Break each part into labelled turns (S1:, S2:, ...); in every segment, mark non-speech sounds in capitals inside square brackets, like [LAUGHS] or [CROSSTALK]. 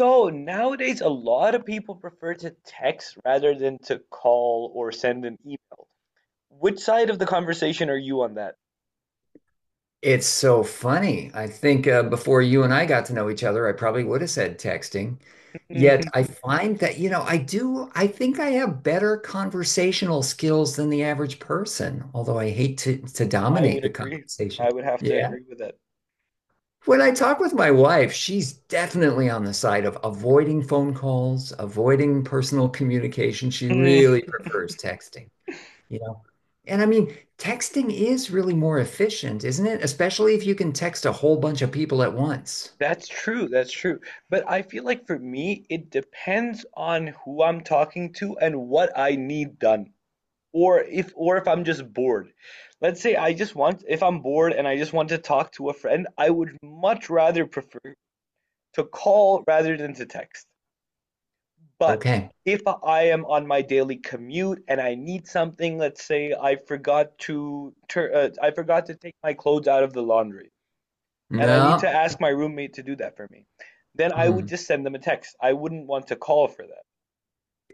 S1: So nowadays, a lot of people prefer to text rather than to call or send an email. Which side of the conversation are you on that?
S2: It's so funny. I think before you and I got to know each other, I probably would have said texting. Yet
S1: Mhm.
S2: I find that, I think I have better conversational skills than the average person, although I hate to
S1: I
S2: dominate
S1: would
S2: the
S1: agree.
S2: conversation.
S1: I would have to
S2: Yeah.
S1: agree with that.
S2: When I talk with my wife, she's definitely on the side of avoiding phone calls, avoiding personal communication. She
S1: Hmm.
S2: really prefers texting. And I mean, texting is really more efficient, isn't it? Especially if you can text a whole bunch of people at once.
S1: That's true. That's true. But I feel like for me, it depends on who I'm talking to and what I need done. Or if I'm just bored. Let's say I just want, if I'm bored and I just want to talk to a friend, I would much rather prefer to call rather than to text. But
S2: Okay.
S1: if I am on my daily commute and I need something, let's say I forgot to tur I forgot to take my clothes out of the laundry, and I need to
S2: No.
S1: ask my roommate to do that for me, then I would
S2: Hmm.
S1: just send them a text. I wouldn't want to call for that.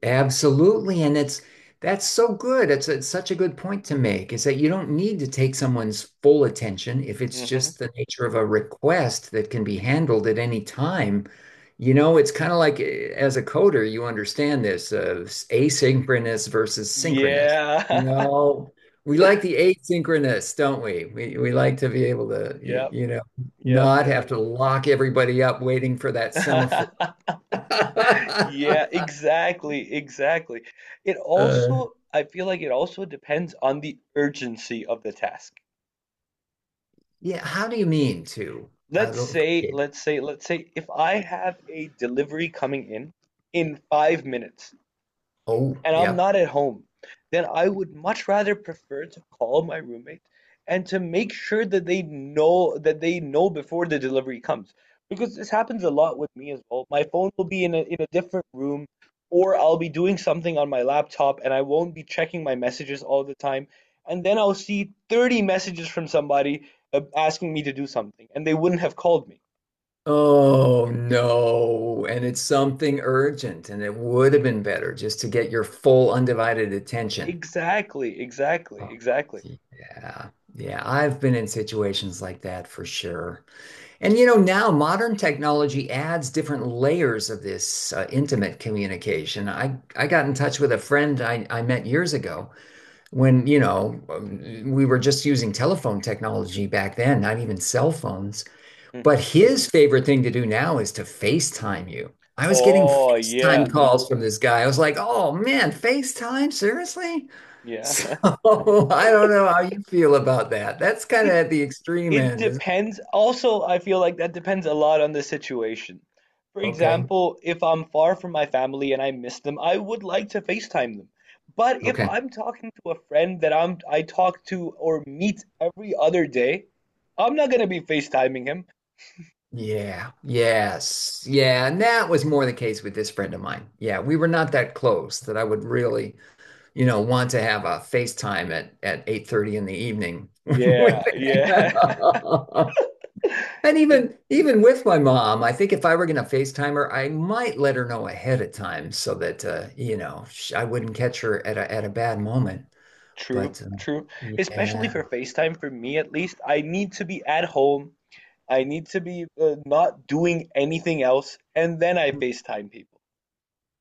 S2: Absolutely. And it's that's so good. It's such a good point to make is that you don't need to take someone's full attention if it's
S1: Hmm.
S2: just the nature of a request that can be handled at any time. It's kind of like as a coder, you understand this asynchronous versus synchronous. You
S1: Yeah. [LAUGHS]
S2: know, we like the asynchronous, don't we? We like to be able to,
S1: Yep. Yep.
S2: not
S1: Yep.
S2: have to lock everybody up waiting for that semaphore.
S1: [LAUGHS] Yeah,
S2: [LAUGHS]
S1: exactly, exactly. It
S2: Uh,
S1: also, I feel like it also depends on the urgency of the task.
S2: Yeah, how do you mean to? I
S1: Let's
S2: don't
S1: say,
S2: appreciate it.
S1: let's say, let's say if I have a delivery coming in 5 minutes
S2: Oh,
S1: and I'm
S2: yep.
S1: not at home, then I would much rather prefer to call my roommate and to make sure that they know before the delivery comes. Because this happens a lot with me as well. My phone will be in a different room, or I'll be doing something on my laptop and I won't be checking my messages all the time. And then I'll see 30 messages from somebody asking me to do something, and they wouldn't have called me.
S2: Oh no. And it's something urgent, and it would have been better just to get your full undivided attention.
S1: Exactly, exactly,
S2: Oh,
S1: exactly.
S2: yeah. Yeah, I've been in situations like that for sure. And now modern technology adds different layers of this intimate communication. I got in touch with a friend I met years ago. When we were just using telephone technology back then, not even cell phones. But
S1: Mhm.
S2: his favorite thing to do now is to FaceTime you. I was getting
S1: Oh, yeah.
S2: FaceTime calls from this guy. I was like, oh man, FaceTime? Seriously?
S1: Yeah.
S2: So [LAUGHS]
S1: [LAUGHS]
S2: I don't know how you feel about that. That's kind of
S1: It
S2: at the extreme
S1: it
S2: end, isn't
S1: depends. Also, I feel like that depends a lot on the situation. For
S2: it? Okay.
S1: example, if I'm far from my family and I miss them, I would like to FaceTime them. But if
S2: Okay.
S1: I'm talking to a friend that I talk to or meet every other day, I'm not gonna be FaceTiming him.
S2: Yeah. Yes. Yeah. And that was more the case with this friend of mine. Yeah. We were not that close that I would really want to have a FaceTime at 8:30 in the evening.
S1: Yeah, yeah.
S2: [LAUGHS] And
S1: [LAUGHS]
S2: even with my mom, I think if I were going to FaceTime her, I might let her know ahead of time so that I wouldn't catch her at a bad moment.
S1: True,
S2: But
S1: true. Especially
S2: yeah.
S1: for FaceTime, for me at least, I need to be at home. I need to be not doing anything else, and then I FaceTime people.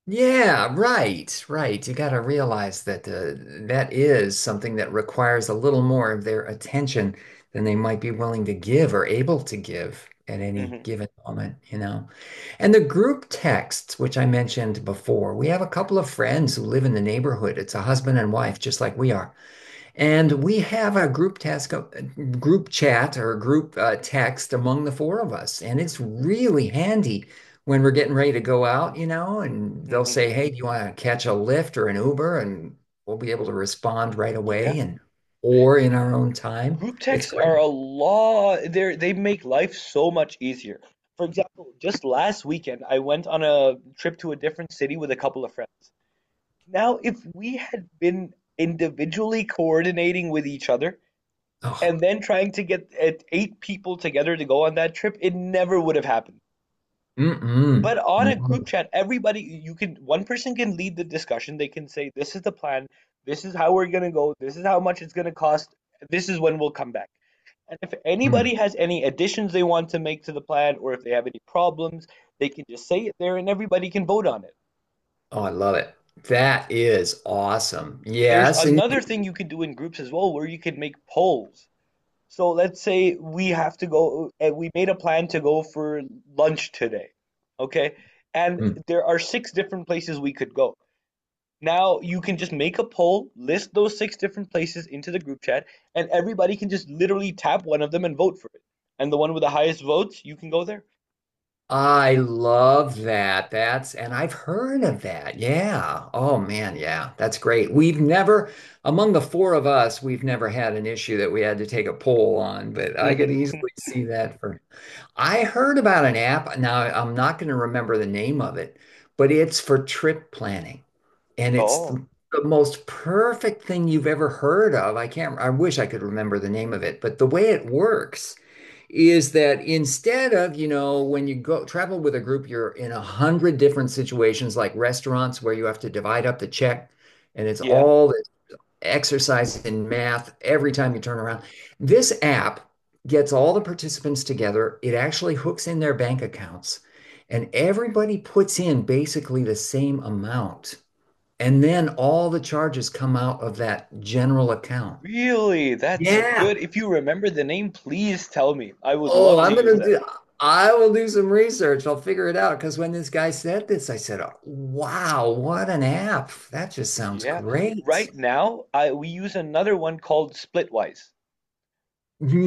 S2: Yeah, right, right. You got to realize that that is something that requires a little more of their attention than they might be willing to give or able to give at any
S1: Hmm.
S2: given moment. And the group texts, which I mentioned before, we have a couple of friends who live in the neighborhood. It's a husband and wife, just like we are. And we have a group chat or a group text among the four of us. And it's really handy when we're getting ready to go out, and they'll
S1: Hmm.
S2: say, "Hey, do you want to catch a Lyft or an Uber?" And we'll be able to respond right away
S1: Yeah.
S2: and or in our own time.
S1: Group
S2: It's
S1: texts
S2: great.
S1: are a law. They make life so much easier. For example, just last weekend, I went on a trip to a different city with a couple of friends. Now, if we had been individually coordinating with each other,
S2: Oh,
S1: and then trying to get eight people together to go on that trip, it never would have happened.
S2: mm-mm.
S1: But on a
S2: No.
S1: group chat, everybody you can one person can lead the discussion. They can say, "This is the plan. This is how we're gonna go. This is how much it's gonna cost. This is when we'll come back." And if anybody
S2: Mm.
S1: has any additions they want to make to the plan, or if they have any problems, they can just say it there, and everybody can vote on it.
S2: Oh, I love it. That is awesome.
S1: There's
S2: Yes.
S1: another thing you can do in groups as well, where you can make polls. So let's say we have to go, and we made a plan to go for lunch today, okay? And
S2: You,
S1: there are six different places we could go. Now you can just make a poll, list those six different places into the group chat, and everybody can just literally tap one of them and vote for it. And the one with the highest votes, you can go there.
S2: I love that. And I've heard of that. Yeah. Oh man, yeah. That's great. We've never, Among the four of us, we've never had an issue that we had to take a poll on, but I could
S1: Hmm.
S2: easily
S1: [LAUGHS]
S2: see that for. I heard about an app. Now, I'm not going to remember the name of it, but it's for trip planning. And it's
S1: Oh,
S2: the most perfect thing you've ever heard of. I can't, I wish I could remember the name of it, but the way it works is that instead of, when you go travel with a group, you're in a hundred different situations like restaurants where you have to divide up the check and it's
S1: yeah.
S2: all this exercise in math every time you turn around. This app gets all the participants together. It actually hooks in their bank accounts and everybody puts in basically the same amount. And then all the charges come out of that general account.
S1: Really? That's
S2: Yeah.
S1: good. If you remember the name, please tell me. I would
S2: Oh,
S1: love to
S2: I'm Um,
S1: use
S2: gonna
S1: that.
S2: do, I will do some research. I'll figure it out. Because when this guy said this, I said, oh, wow, what an app. That just sounds
S1: Yeah.
S2: great.
S1: Right now, I we use another one called Splitwise.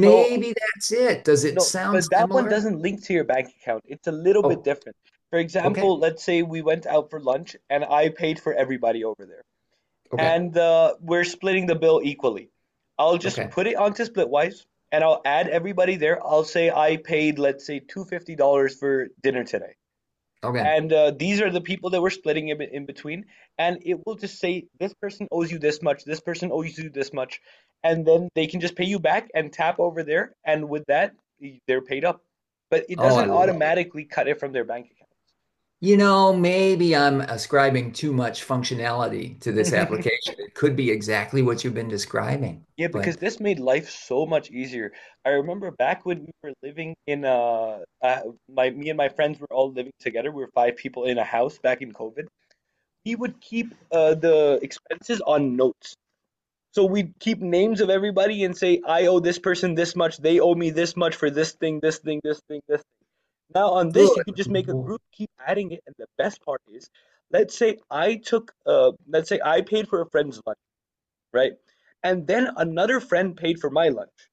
S1: So
S2: that's it. Does it
S1: no, but
S2: sound
S1: that one
S2: similar?
S1: doesn't link to your bank account. It's a little bit
S2: Oh,
S1: different. For
S2: okay.
S1: example, let's say we went out for lunch and I paid for everybody over there,
S2: Okay.
S1: and we're splitting the bill equally. I'll just
S2: Okay.
S1: put it onto Splitwise and I'll add everybody there. I'll say I paid, let's say, $250 for dinner today,
S2: Okay.
S1: and these are the people that we're splitting in between. And it will just say this person owes you this much, this person owes you this much, and then they can just pay you back and tap over there, and with that they're paid up. But it
S2: Oh, I
S1: doesn't
S2: love it.
S1: automatically cut it from their bank
S2: Maybe I'm ascribing too much functionality to this
S1: account. [LAUGHS]
S2: application. It could be exactly what you've been describing,
S1: Yeah, because
S2: but
S1: this made life so much easier. I remember back when we were living in my me and my friends were all living together. We were five people in a house back in COVID. We would keep the expenses on notes. So we keep names of everybody and say, I owe this person this much, they owe me this much for this thing, this thing, this thing, this thing. Now on this, you
S2: good.
S1: can just make a
S2: Mm,
S1: group, keep adding it, and the best part is, let's say I took, let's say I paid for a friend's lunch, right? And then another friend paid for my lunch.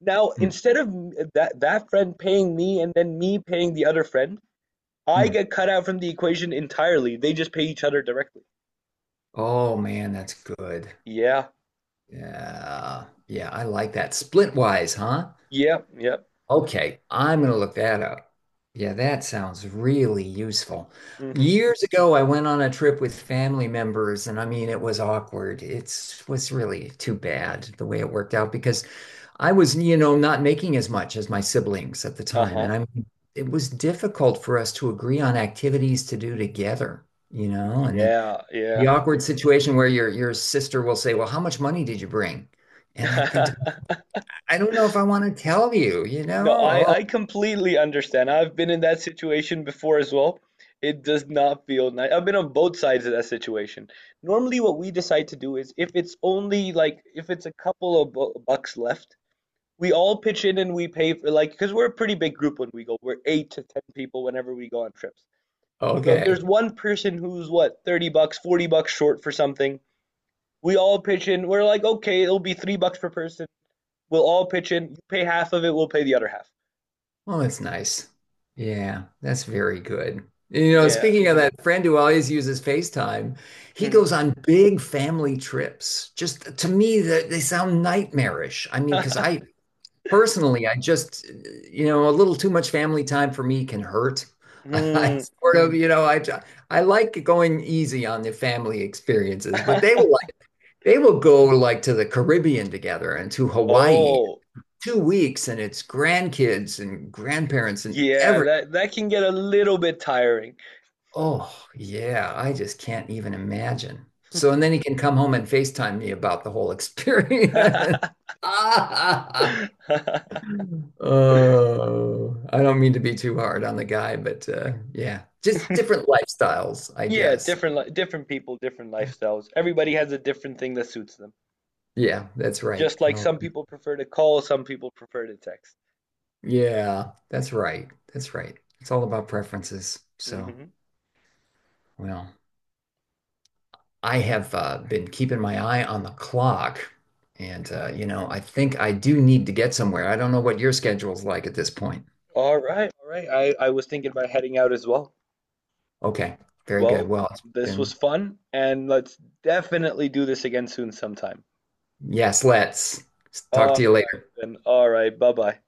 S1: Now instead of that friend paying me and then me paying the other friend, I
S2: mm.
S1: get cut out from the equation entirely. They just pay each other directly.
S2: Oh man, that's good.
S1: Yeah,
S2: Yeah, yeah, I like that. Splitwise, huh?
S1: yeah, yeah.
S2: Okay, I'm gonna look that up. Yeah, that sounds really useful.
S1: Hmm.
S2: Years ago, I went on a trip with family members, and I mean, it was awkward. It was really too bad the way it worked out because I was, not making as much as my siblings at the time,
S1: Uh-huh.
S2: and I mean, it was difficult for us to agree on activities to do together, and
S1: Yeah, yeah.
S2: the awkward situation where your sister will say, "Well, how much money did you bring?" And I think to,
S1: [LAUGHS]
S2: I don't know if I want to tell you, you
S1: No, I,
S2: know?
S1: I completely understand. I've been in that situation before as well. It does not feel nice. I've been on both sides of that situation. Normally, what we decide to do is if it's only like if it's a couple of bu bucks left, we all pitch in and we pay for, like, because we're a pretty big group when we go. We're 8 to 10 people whenever we go on trips.
S2: Oh,
S1: So if there's
S2: okay.
S1: one person who's what, 30 bucks, 40 bucks short for something, we all pitch in. We're like, okay, it'll be 3 bucks per person. We'll all pitch in. You pay half of it, we'll pay the other half.
S2: Well, that's nice. Yeah, that's very good. You know,
S1: Yeah.
S2: speaking of that friend who always uses FaceTime, he
S1: Mhm.
S2: goes on big family trips. Just to me, that they sound nightmarish. I mean, because I
S1: [LAUGHS]
S2: Personally, I just, a little too much family time for me can hurt. [LAUGHS] I
S1: Mm.
S2: sort of, I like going easy on the family experiences, but
S1: [LAUGHS]
S2: they will go like to the Caribbean together and to Hawaii
S1: Oh,
S2: 2 weeks, and it's grandkids and grandparents and
S1: yeah,
S2: everything.
S1: that can get a little bit tiring.
S2: Oh yeah, I just can't even imagine. So and then he can come home and FaceTime me about the whole experience. [LAUGHS] Ah.
S1: [LAUGHS]
S2: Oh, I don't mean to be too hard on the guy, but yeah, just different lifestyles, I
S1: Yeah,
S2: guess.
S1: different li different people, different lifestyles. Everybody has a different thing that suits them.
S2: Yeah, that's right.
S1: Just
S2: You
S1: like
S2: know,
S1: some people prefer to call, some people prefer to text.
S2: yeah, that's right. That's right. It's all about preferences. So,
S1: Mhm.
S2: well, I have been keeping my eye on the clock, and I think I do need to get somewhere. I don't know what your schedule's like at this point.
S1: All right, all right. I was thinking about heading out as well.
S2: Okay, very good.
S1: Well, this was fun, and let's definitely do this again soon sometime.
S2: Yes, let's talk
S1: All
S2: to you
S1: right,
S2: later.
S1: then. All right. Bye-bye.